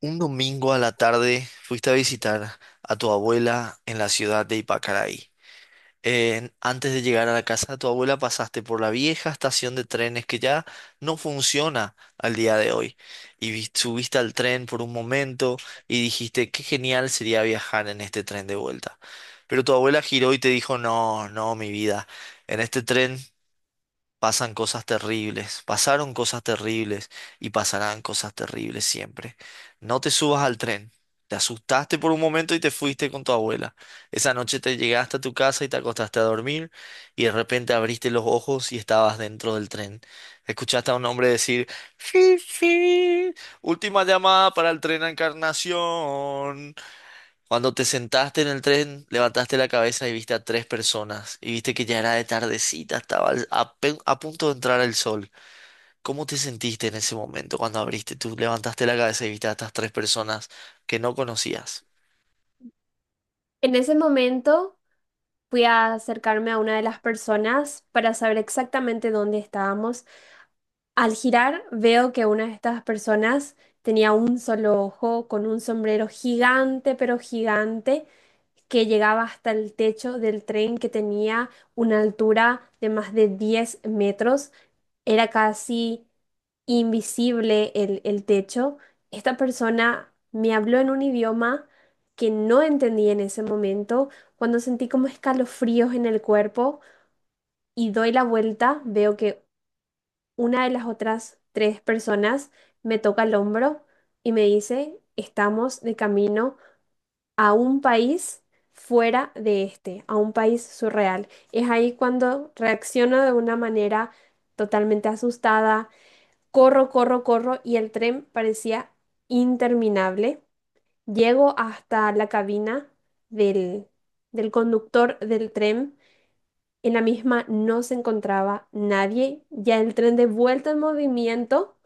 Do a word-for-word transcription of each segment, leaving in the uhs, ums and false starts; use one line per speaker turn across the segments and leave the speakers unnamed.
Un domingo a la tarde fuiste a visitar a tu abuela en la ciudad de Ipacaraí. En- antes de llegar a la casa de tu abuela pasaste por la vieja estación de trenes que ya no funciona al día de hoy. Y vi- subiste al tren por un momento y dijiste qué genial sería viajar en este tren de vuelta. Pero tu abuela giró y te dijo, no, no, mi vida, en este tren pasan cosas terribles, pasaron cosas terribles y pasarán cosas terribles siempre. No te subas al tren. Te asustaste por un momento y te fuiste con tu abuela. Esa noche te llegaste a tu casa y te acostaste a dormir y de repente abriste los ojos y estabas dentro del tren. Escuchaste a un hombre decir, "Fi, fi, última llamada para el tren a Encarnación". Cuando te sentaste en el tren, levantaste la cabeza y viste a tres personas y viste que ya era de tardecita, estaba al- a, pe- a punto de entrar el sol. ¿Cómo te sentiste en ese momento cuando abriste, tú levantaste la cabeza y viste a estas tres personas que no conocías?
En ese momento fui a acercarme a una de las personas para saber exactamente dónde estábamos. Al girar veo que una de estas personas tenía un solo ojo con un sombrero gigante, pero gigante, que llegaba hasta el techo del tren, que tenía una altura de más de diez metros. Era casi invisible el, el techo. Esta persona me habló en un idioma que no entendí en ese momento. Cuando sentí como escalofríos en el cuerpo y doy la vuelta, veo que una de las otras tres personas me toca el hombro y me dice, estamos de camino a un país fuera de este, a un país surreal. Es ahí cuando reacciono de una manera totalmente asustada. Corro, corro, corro y el tren parecía interminable. Llego hasta la cabina del, del conductor del tren. En la misma no se encontraba nadie. Ya el tren de vuelta en movimiento,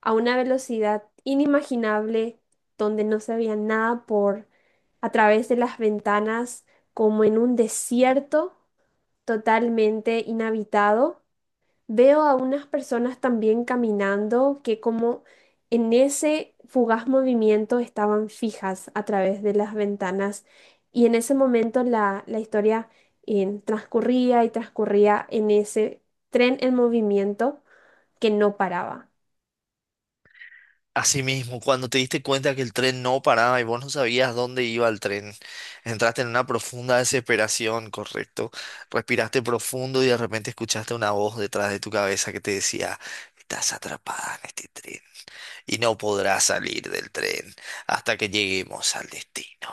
a una velocidad inimaginable, donde no se veía nada por a través de las ventanas, como en un desierto totalmente inhabitado. Veo a unas personas también caminando que, como en ese fugaz movimiento, estaban fijas a través de las ventanas, y en ese momento la, la historia eh, transcurría y transcurría en ese tren en movimiento que no paraba.
Asimismo, cuando te diste cuenta que el tren no paraba y vos no sabías dónde iba el tren, entraste en una profunda desesperación, ¿correcto? Respiraste profundo y de repente escuchaste una voz detrás de tu cabeza que te decía, estás atrapada en este tren y no podrás salir del tren hasta que lleguemos al destino.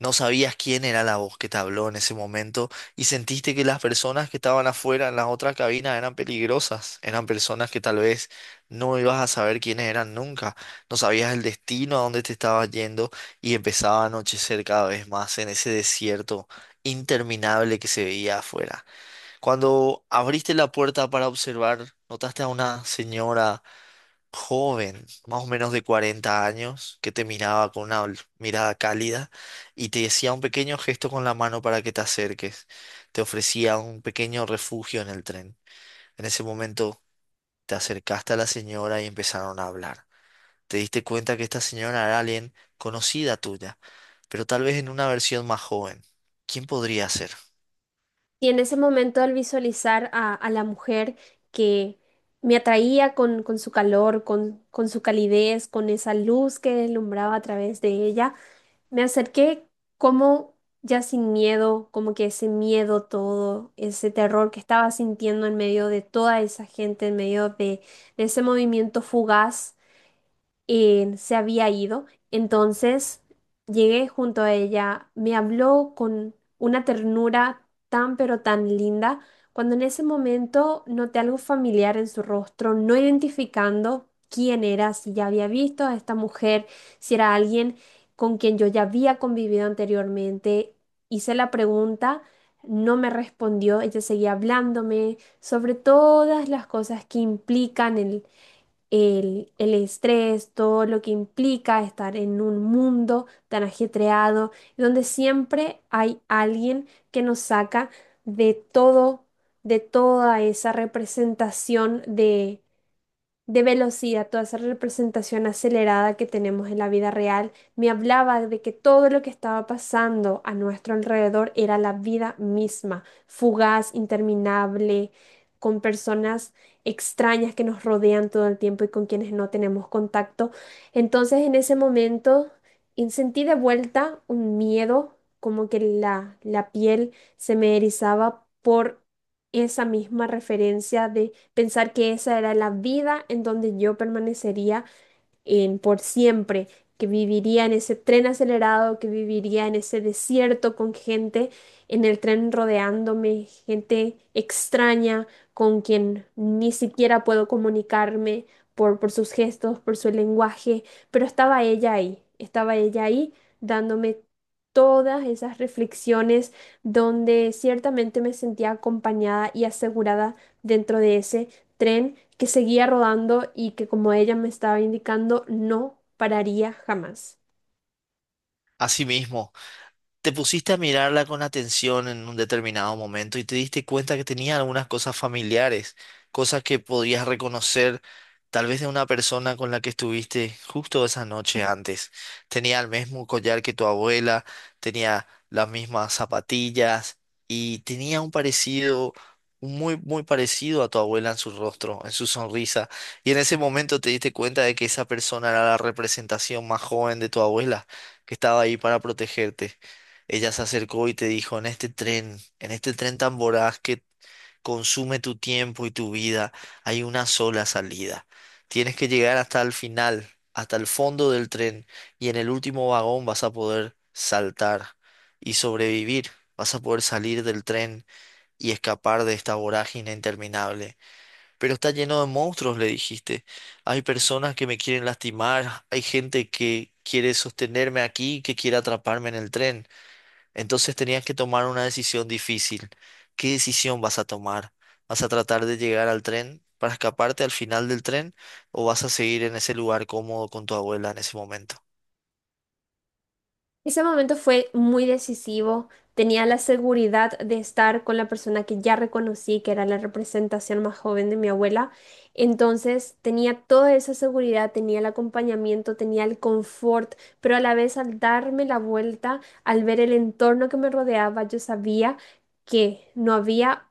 No sabías quién era la voz que te habló en ese momento y sentiste que las personas que estaban afuera en las otras cabinas eran peligrosas, eran personas que tal vez no ibas a saber quiénes eran nunca, no sabías el destino a dónde te estabas yendo y empezaba a anochecer cada vez más en ese desierto interminable que se veía afuera. Cuando abriste la puerta para observar, notaste a una señora joven, más o menos de cuarenta años, que te miraba con una ol- mirada cálida y te decía un pequeño gesto con la mano para que te acerques. Te ofrecía un pequeño refugio en el tren. En ese momento te acercaste a la señora y empezaron a hablar. Te diste cuenta que esta señora era alguien conocida tuya, pero tal vez en una versión más joven. ¿Quién podría ser?
Y en ese momento, al visualizar a, a la mujer que me atraía con, con su calor, con, con su calidez, con esa luz que deslumbraba a través de ella, me acerqué como ya sin miedo, como que ese miedo todo, ese terror que estaba sintiendo en medio de toda esa gente, en medio de, de ese movimiento fugaz, eh, se había ido. Entonces llegué junto a ella, me habló con una ternura tan pero tan linda, cuando en ese momento noté algo familiar en su rostro, no identificando quién era, si ya había visto a esta mujer, si era alguien con quien yo ya había convivido anteriormente. Hice la pregunta. No me respondió, ella seguía hablándome sobre todas las cosas que implican el el, el estrés, todo lo que implica estar en un mundo tan ajetreado, donde siempre hay alguien que nos saca de todo, de toda esa representación de de velocidad, toda esa representación acelerada que tenemos en la vida real. Me hablaba de que todo lo que estaba pasando a nuestro alrededor era la vida misma, fugaz, interminable, con personas extrañas que nos rodean todo el tiempo y con quienes no tenemos contacto. Entonces, en ese momento, en- sentí de vuelta un miedo, como que la, la piel se me erizaba por esa misma referencia de pensar que esa era la vida en donde yo permanecería en por siempre, que viviría en ese tren acelerado, que viviría en ese desierto con gente en el tren rodeándome, gente extraña con quien ni siquiera puedo comunicarme por, por sus gestos, por su lenguaje, pero estaba ella ahí, estaba ella ahí dándome todas esas reflexiones donde ciertamente me sentía acompañada y asegurada dentro de ese tren que seguía rodando y que, como ella me estaba indicando, no pararía jamás.
Asimismo, te pusiste a mirarla con atención en un determinado momento y te diste cuenta que tenía algunas cosas familiares, cosas que podías reconocer tal vez de una persona con la que estuviste justo esa noche antes. Tenía el mismo collar que tu abuela, tenía las mismas zapatillas y tenía un parecido, un muy, muy parecido a tu abuela en su rostro, en su sonrisa. Y en ese momento te diste cuenta de que esa persona era la representación más joven de tu abuela, que estaba ahí para protegerte. Ella se acercó y te dijo, en este tren, en este tren tan voraz que consume tu tiempo y tu vida, hay una sola salida. Tienes que llegar hasta el final, hasta el fondo del tren, y en el último vagón vas a poder saltar y sobrevivir. Vas a poder salir del tren y escapar de esta vorágine interminable. Pero está lleno de monstruos, le dijiste. Hay personas que me quieren lastimar, hay gente que quiere sostenerme aquí, que quiere atraparme en el tren. Entonces tenías que tomar una decisión difícil. ¿Qué decisión vas a tomar? ¿Vas a tratar de llegar al tren para escaparte al final del tren o vas a seguir en ese lugar cómodo con tu abuela en ese momento?
Ese momento fue muy decisivo. Tenía la seguridad de estar con la persona que ya reconocí, que era la representación más joven de mi abuela. Entonces tenía toda esa seguridad, tenía el acompañamiento, tenía el confort, pero a la vez, al darme la vuelta, al ver el entorno que me rodeaba, yo sabía que no había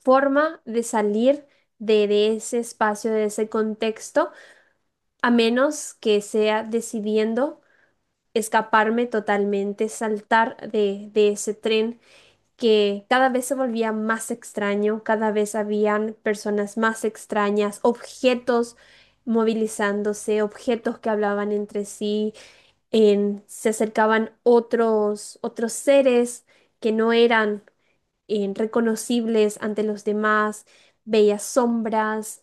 forma de salir de, de ese espacio, de ese contexto, a menos que sea decidiendo escaparme totalmente, saltar de, de ese tren, que cada vez se volvía más extraño. Cada vez habían personas más extrañas, objetos movilizándose, objetos que hablaban entre sí, en- se acercaban otros, otros seres que no eran eh, reconocibles ante los demás, veía sombras,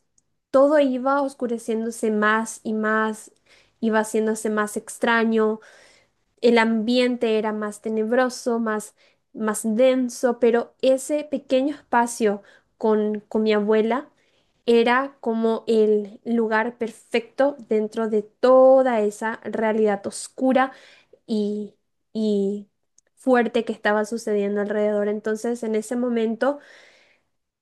todo iba oscureciéndose más y más, iba haciéndose más extraño. El ambiente era más tenebroso, más, más denso, pero ese pequeño espacio con, con mi abuela era como el lugar perfecto dentro de toda esa realidad oscura y, y fuerte que estaba sucediendo alrededor. Entonces, en ese momento,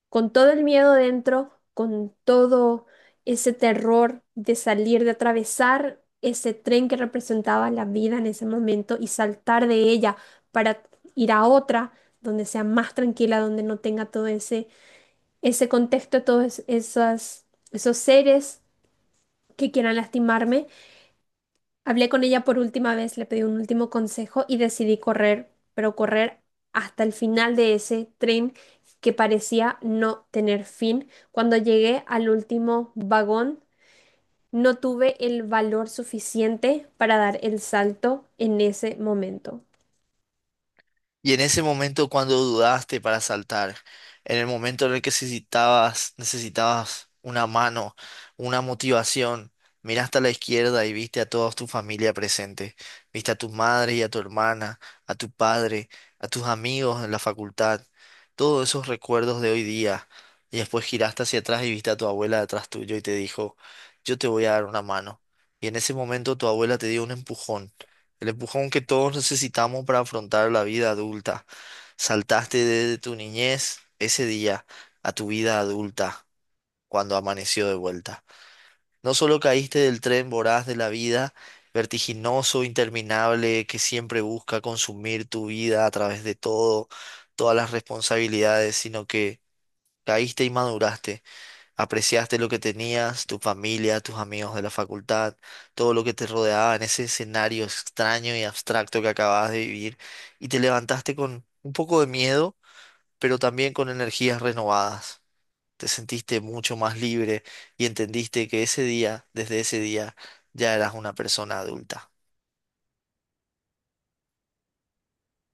con todo el miedo dentro, con todo ese terror de salir, de atravesar ese tren que representaba la vida en ese momento y saltar de ella para ir a otra donde sea más tranquila, donde no tenga todo ese, ese contexto, todos es- esas, esos seres que quieran lastimarme. Hablé con ella por última vez, le pedí un último consejo y decidí correr, pero correr hasta el final de ese tren, que parecía no tener fin. Cuando llegué al último vagón, no tuve el valor suficiente para dar el salto en ese momento.
Y en ese momento cuando dudaste para saltar, en el momento en el que necesitabas, necesitabas una mano, una motivación, miraste a la izquierda y viste a toda tu familia presente. Viste a tu madre y a tu hermana, a tu padre, a tus amigos en la facultad, todos esos recuerdos de hoy día. Y después giraste hacia atrás y viste a tu abuela detrás tuyo y te dijo, yo te voy a dar una mano. Y en ese momento tu abuela te dio un empujón, el empujón que todos necesitamos para afrontar la vida adulta. Saltaste desde tu niñez ese día a tu vida adulta cuando amaneció de vuelta. No solo caíste del tren voraz de la vida, vertiginoso, interminable, que siempre busca consumir tu vida a través de todo, todas las responsabilidades, sino que caíste y maduraste. Apreciaste lo que tenías, tu familia, tus amigos de la facultad, todo lo que te rodeaba en ese escenario extraño y abstracto que acababas de vivir, y te levantaste con un poco de miedo, pero también con energías renovadas. Te sentiste mucho más libre y entendiste que ese día, desde ese día, ya eras una persona adulta.